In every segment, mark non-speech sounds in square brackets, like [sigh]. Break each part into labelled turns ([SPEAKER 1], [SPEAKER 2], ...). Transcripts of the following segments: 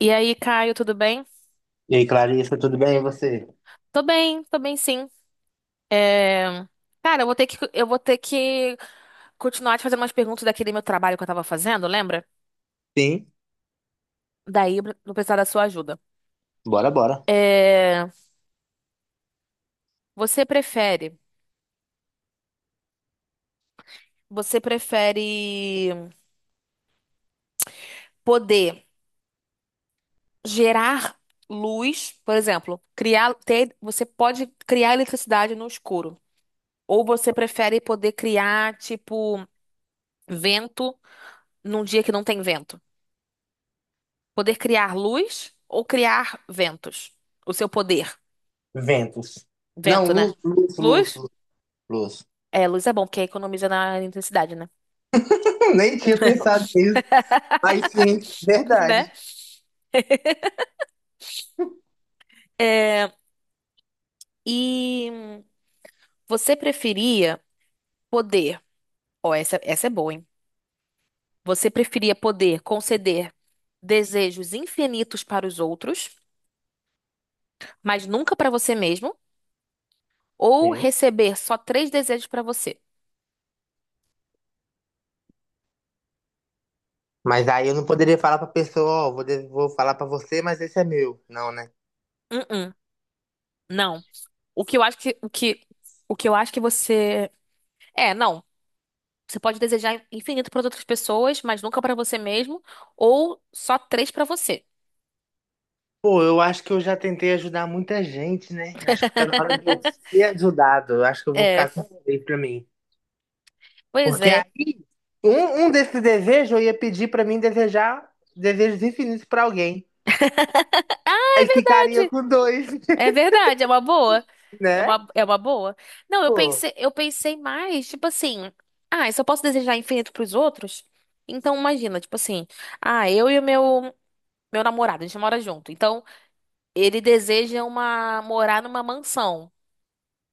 [SPEAKER 1] E aí, Caio, tudo bem?
[SPEAKER 2] E aí, Clarissa, tudo bem? E você?
[SPEAKER 1] Tô bem, tô bem sim. É, Cara, eu vou ter que continuar te fazendo umas perguntas daquele meu trabalho que eu tava fazendo, lembra?
[SPEAKER 2] Sim,
[SPEAKER 1] Daí eu vou precisar da sua ajuda.
[SPEAKER 2] bora, bora.
[SPEAKER 1] É, Você prefere, você prefere poder gerar luz, por exemplo, criar, ter, você pode criar eletricidade no escuro, ou você prefere poder criar, tipo, vento num dia que não tem vento? Poder criar luz ou criar ventos? O seu poder.
[SPEAKER 2] Ventos. Não,
[SPEAKER 1] Vento, né?
[SPEAKER 2] luz, luz, luz,
[SPEAKER 1] Luz?
[SPEAKER 2] luz.
[SPEAKER 1] É, luz é bom, porque economiza na intensidade, né?
[SPEAKER 2] [laughs] Nem tinha pensado nisso. Mas sim,
[SPEAKER 1] [laughs] Né?
[SPEAKER 2] verdade.
[SPEAKER 1] É, e você preferia poder. Ó, essa é boa, hein? Você preferia poder conceder desejos infinitos para os outros, mas nunca para você mesmo, ou
[SPEAKER 2] Sim.
[SPEAKER 1] receber só três desejos para você?
[SPEAKER 2] Mas aí eu não poderia falar pra pessoa, ó, vou falar pra você, mas esse é meu. Não, né?
[SPEAKER 1] Uh-uh, não. O que eu acho que, o que, o que eu acho que você. É, não. Você pode desejar infinito para outras pessoas, mas nunca para você mesmo, ou só três para você.
[SPEAKER 2] Pô, eu acho que eu já tentei ajudar muita gente, né? Acho que tá na hora de eu ser ajudado. Eu acho que eu vou
[SPEAKER 1] É,
[SPEAKER 2] ficar com isso pra mim.
[SPEAKER 1] pois
[SPEAKER 2] Porque
[SPEAKER 1] é.
[SPEAKER 2] aí, um desses desejos eu ia pedir pra mim desejar desejos infinitos pra alguém. Aí ficaria
[SPEAKER 1] Verdade.
[SPEAKER 2] com dois.
[SPEAKER 1] É verdade, é uma boa.
[SPEAKER 2] Né?
[SPEAKER 1] É uma boa. Não,
[SPEAKER 2] Pô.
[SPEAKER 1] eu pensei mais, tipo assim, ah, eu só posso desejar infinito para os outros? Então imagina, tipo assim, ah, eu e o meu meu namorado, a gente mora junto. Então, ele deseja uma morar numa mansão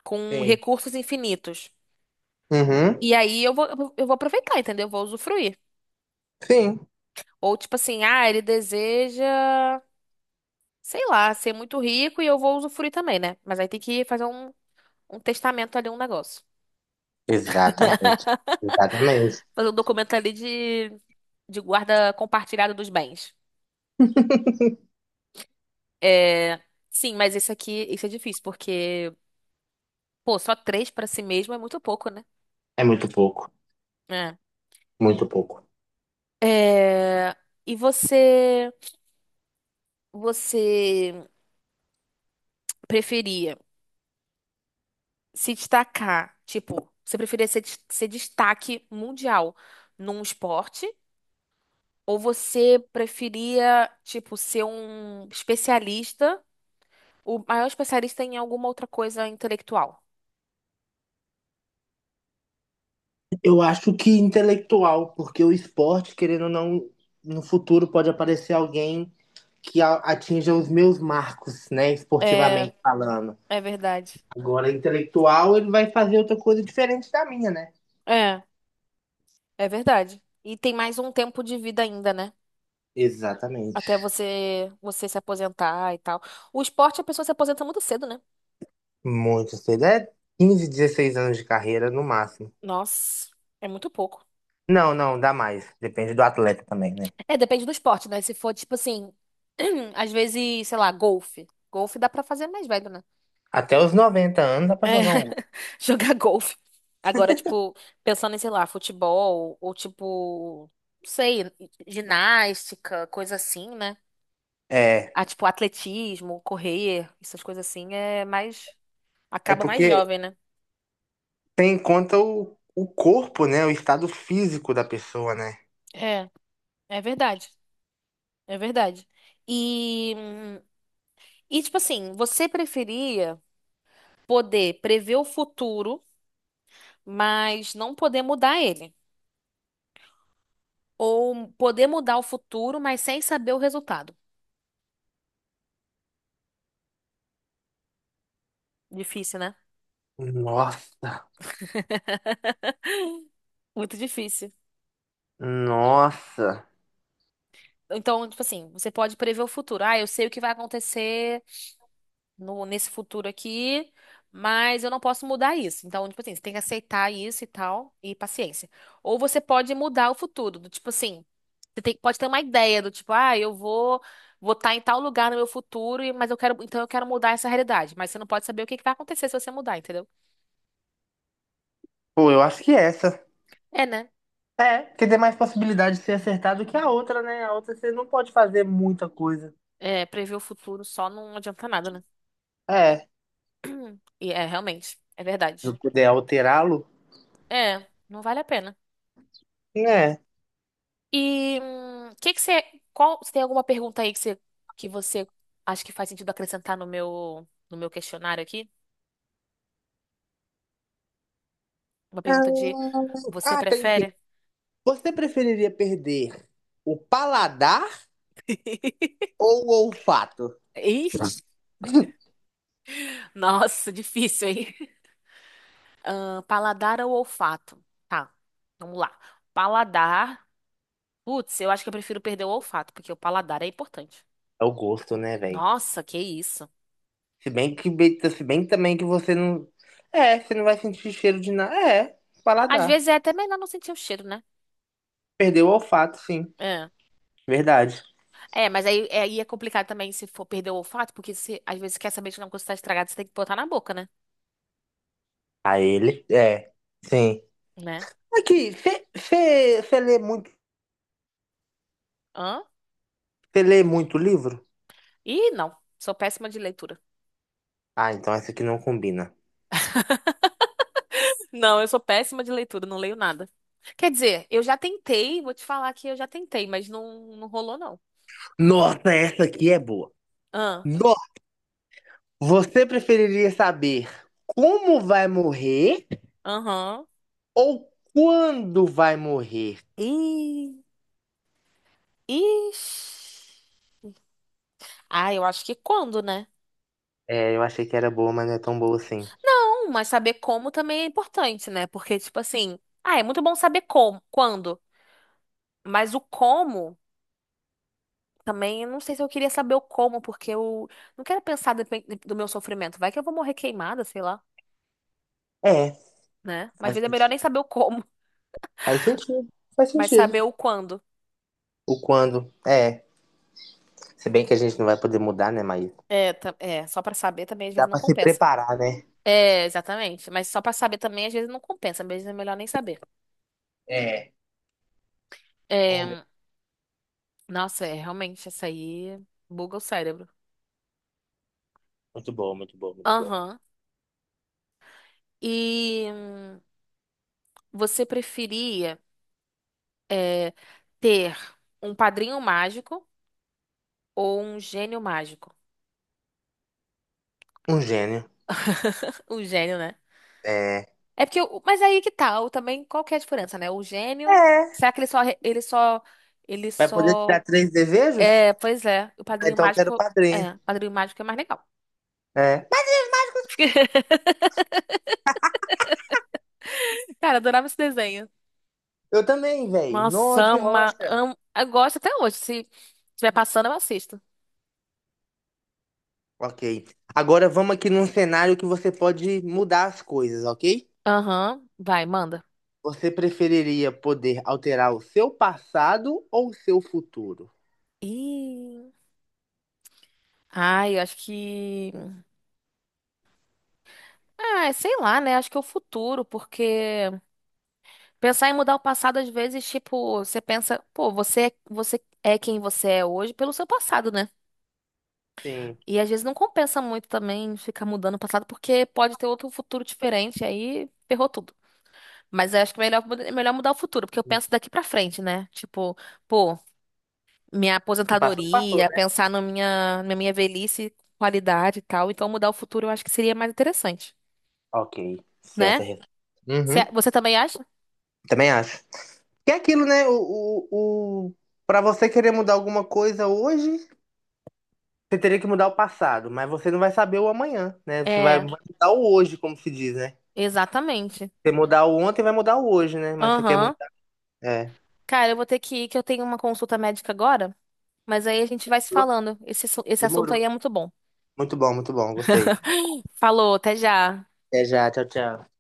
[SPEAKER 1] com
[SPEAKER 2] Sim.
[SPEAKER 1] recursos infinitos.
[SPEAKER 2] Uhum.
[SPEAKER 1] E aí eu vou aproveitar, entendeu? Eu vou usufruir.
[SPEAKER 2] Sim.
[SPEAKER 1] Ou tipo assim, ah, ele deseja sei lá, ser muito rico e eu vou usufruir também, né? Mas aí tem que fazer um testamento ali, um negócio.
[SPEAKER 2] Exatamente. Exatamente.
[SPEAKER 1] Fazer um documento ali de guarda compartilhada dos bens. É, sim, mas esse aqui, isso é difícil, porque, pô, só três pra si mesmo é muito pouco, né?
[SPEAKER 2] É muito pouco.
[SPEAKER 1] É.
[SPEAKER 2] Muito pouco.
[SPEAKER 1] É, e você, você preferia se destacar, tipo, você preferia ser, ser destaque mundial num esporte? Ou você preferia, tipo, ser um especialista, o maior especialista em alguma outra coisa intelectual?
[SPEAKER 2] Eu acho que intelectual, porque o esporte, querendo ou não, no futuro pode aparecer alguém que atinja os meus marcos, né?
[SPEAKER 1] É,
[SPEAKER 2] Esportivamente falando.
[SPEAKER 1] é verdade.
[SPEAKER 2] Agora, intelectual, ele vai fazer outra coisa diferente da minha, né?
[SPEAKER 1] É, é verdade. E tem mais um tempo de vida ainda, né? Até
[SPEAKER 2] Exatamente.
[SPEAKER 1] você se aposentar e tal. O esporte, a pessoa se aposenta muito cedo, né?
[SPEAKER 2] Muito cedo. É 15, 16 anos de carreira no máximo.
[SPEAKER 1] Nossa, é muito pouco.
[SPEAKER 2] Não, não, dá mais. Depende do atleta também, né?
[SPEAKER 1] É, depende do esporte, né? Se for, tipo assim, [clears throat] às vezes, sei lá, golfe. Golfe dá pra fazer mais velho, né?
[SPEAKER 2] Até os 90 anos dá pra
[SPEAKER 1] É,
[SPEAKER 2] jogar um.
[SPEAKER 1] [laughs] jogar golfe. Agora, tipo, pensando em, sei lá, futebol, ou tipo, não sei, ginástica, coisa assim, né?
[SPEAKER 2] É,
[SPEAKER 1] Ah, tipo, atletismo, correr, essas coisas assim, é mais.
[SPEAKER 2] é
[SPEAKER 1] Acaba mais
[SPEAKER 2] porque
[SPEAKER 1] jovem, né?
[SPEAKER 2] tem em conta o corpo, né? O estado físico da pessoa, né?
[SPEAKER 1] É, é verdade. É verdade. E, e tipo assim, você preferia poder prever o futuro, mas não poder mudar ele? Ou poder mudar o futuro, mas sem saber o resultado? Difícil, né?
[SPEAKER 2] Nossa,
[SPEAKER 1] Muito difícil.
[SPEAKER 2] nossa.
[SPEAKER 1] Então, tipo assim, você pode prever o futuro. Ah, eu sei o que vai acontecer no, nesse futuro aqui, mas eu não posso mudar isso. Então, tipo assim, você tem que aceitar isso e tal, e paciência. Ou você pode mudar o futuro, do tipo assim, pode ter uma ideia do tipo, ah, eu vou vou estar em tal lugar no meu futuro, mas eu quero, então eu quero mudar essa realidade. Mas você não pode saber o que que vai acontecer se você mudar, entendeu?
[SPEAKER 2] Pô, eu acho que é essa.
[SPEAKER 1] É, né?
[SPEAKER 2] É, porque tem mais possibilidade de ser acertado que a outra, né? A outra você não pode fazer muita coisa.
[SPEAKER 1] É, prever o futuro só não adianta nada, né?
[SPEAKER 2] É, se
[SPEAKER 1] [clears throat] E é, realmente, é verdade.
[SPEAKER 2] eu puder alterá-lo,
[SPEAKER 1] É, não vale a pena.
[SPEAKER 2] né?
[SPEAKER 1] E você tem alguma pergunta aí que você acha que faz sentido acrescentar no no meu questionário aqui? Uma pergunta de
[SPEAKER 2] Ah,
[SPEAKER 1] você
[SPEAKER 2] ah, tem sim.
[SPEAKER 1] prefere?
[SPEAKER 2] Você preferiria perder o paladar
[SPEAKER 1] [laughs]
[SPEAKER 2] ou o olfato?
[SPEAKER 1] Ixi,
[SPEAKER 2] [laughs]
[SPEAKER 1] nossa, difícil, hein? [laughs] Ah, Paladar ou olfato? Tá, vamos lá. Paladar. Putz, eu acho que eu prefiro perder o olfato, porque o paladar é importante.
[SPEAKER 2] É o gosto, né, velho?
[SPEAKER 1] Nossa, que isso.
[SPEAKER 2] Se bem que, se bem também que você não. É, você não vai sentir cheiro de nada. É,
[SPEAKER 1] Às
[SPEAKER 2] paladar.
[SPEAKER 1] vezes é até melhor não sentir o cheiro, né?
[SPEAKER 2] Perdeu o olfato, sim.
[SPEAKER 1] É.
[SPEAKER 2] Verdade.
[SPEAKER 1] É, mas aí, aí é complicado também se for perder o olfato, porque se, às vezes você quer saber de uma coisa está estragada, você tem que botar na boca, né?
[SPEAKER 2] A ele, é, sim.
[SPEAKER 1] Né?
[SPEAKER 2] Aqui,
[SPEAKER 1] Hã?
[SPEAKER 2] você lê muito livro?
[SPEAKER 1] Ih, não. Sou péssima de leitura.
[SPEAKER 2] Ah, então essa aqui não combina.
[SPEAKER 1] [laughs] Não, eu sou péssima de leitura, não leio nada. Quer dizer, eu já tentei, vou te falar que eu já tentei, mas não rolou, não.
[SPEAKER 2] Nossa, essa aqui é boa.
[SPEAKER 1] Hã?
[SPEAKER 2] Nossa, você preferiria saber como vai morrer
[SPEAKER 1] Aham.
[SPEAKER 2] ou quando vai morrer?
[SPEAKER 1] Ih, ixi. Ah, eu acho que quando, né?
[SPEAKER 2] É, eu achei que era boa, mas não é tão boa assim.
[SPEAKER 1] Não, mas saber como também é importante, né? Porque, tipo assim, ah, é muito bom saber como, quando, mas o como. Também eu não sei se eu queria saber o como, porque eu não quero pensar do meu sofrimento. Vai que eu vou morrer queimada, sei lá,
[SPEAKER 2] É,
[SPEAKER 1] né? Mas às
[SPEAKER 2] faz
[SPEAKER 1] vezes é melhor
[SPEAKER 2] sentido.
[SPEAKER 1] nem saber o como,
[SPEAKER 2] Faz sentido. Faz
[SPEAKER 1] [laughs] mas
[SPEAKER 2] sentido.
[SPEAKER 1] saber o quando.
[SPEAKER 2] O quando. É. Se bem que a gente não vai poder mudar, né, mas
[SPEAKER 1] É, é, só pra saber também às
[SPEAKER 2] dá
[SPEAKER 1] vezes não
[SPEAKER 2] pra se
[SPEAKER 1] compensa.
[SPEAKER 2] preparar, né?
[SPEAKER 1] É, exatamente. Mas só pra saber também às vezes não compensa, às vezes é melhor nem saber.
[SPEAKER 2] É, vamos ver.
[SPEAKER 1] É, nossa, é realmente essa aí buga o cérebro.
[SPEAKER 2] Muito bom, muito bom, muito bom.
[SPEAKER 1] Aham. E você preferia é, ter um padrinho mágico ou um gênio mágico?
[SPEAKER 2] Um gênio.
[SPEAKER 1] [laughs] Um gênio, né?
[SPEAKER 2] É.
[SPEAKER 1] É porque, mas aí que tá, o também, qual que é a diferença, né? O gênio,
[SPEAKER 2] É.
[SPEAKER 1] será que ele só, re- ele
[SPEAKER 2] Vai poder te
[SPEAKER 1] só,
[SPEAKER 2] dar três desejos?
[SPEAKER 1] é, pois é,
[SPEAKER 2] Ah, então eu quero padrinho.
[SPEAKER 1] É, o Padrinho Mágico é mais legal.
[SPEAKER 2] É.
[SPEAKER 1] [laughs] Cara, eu adorava esse desenho.
[SPEAKER 2] Eu também, velho.
[SPEAKER 1] Nossa,
[SPEAKER 2] Nó de rocha.
[SPEAKER 1] amo, eu gosto até hoje, se estiver passando eu assisto.
[SPEAKER 2] Ok. Agora vamos aqui num cenário que você pode mudar as coisas, ok?
[SPEAKER 1] Aham, vai, manda.
[SPEAKER 2] Você preferiria poder alterar o seu passado ou o seu futuro?
[SPEAKER 1] Ih, ai, ah, sei lá, né, acho que é o futuro, porque pensar em mudar o passado, às vezes, tipo, você pensa, pô, você é quem você é hoje pelo seu passado, né?
[SPEAKER 2] Sim.
[SPEAKER 1] E às vezes não compensa muito também ficar mudando o passado, porque pode ter outro futuro diferente, aí ferrou tudo. Mas eu acho que é melhor, é melhor mudar o futuro, porque eu
[SPEAKER 2] O
[SPEAKER 1] penso daqui pra frente, né? Tipo, pô, minha
[SPEAKER 2] passado passou, passou,
[SPEAKER 1] aposentadoria,
[SPEAKER 2] né?
[SPEAKER 1] pensar na minha velhice, qualidade e tal. Então mudar o futuro eu acho que seria mais interessante,
[SPEAKER 2] Ok.
[SPEAKER 1] né?
[SPEAKER 2] Certa resposta. Uhum.
[SPEAKER 1] Você também acha?
[SPEAKER 2] Também acho. Que é aquilo, né? O, o... Para você querer mudar alguma coisa hoje, você teria que mudar o passado, mas você não vai saber o amanhã, né? Você vai
[SPEAKER 1] É,
[SPEAKER 2] vai mudar o hoje, como se diz, né?
[SPEAKER 1] exatamente.
[SPEAKER 2] Você mudar o ontem, vai mudar o hoje, né? Mas você quer
[SPEAKER 1] Aham.
[SPEAKER 2] mudar. É.
[SPEAKER 1] Cara, eu vou ter que ir, que eu tenho uma consulta médica agora, mas aí a gente vai se falando. Esse assunto
[SPEAKER 2] Demorou.
[SPEAKER 1] aí é muito bom.
[SPEAKER 2] Muito bom, gostei.
[SPEAKER 1] [laughs] Falou, até já.
[SPEAKER 2] Até já, tchau, tchau.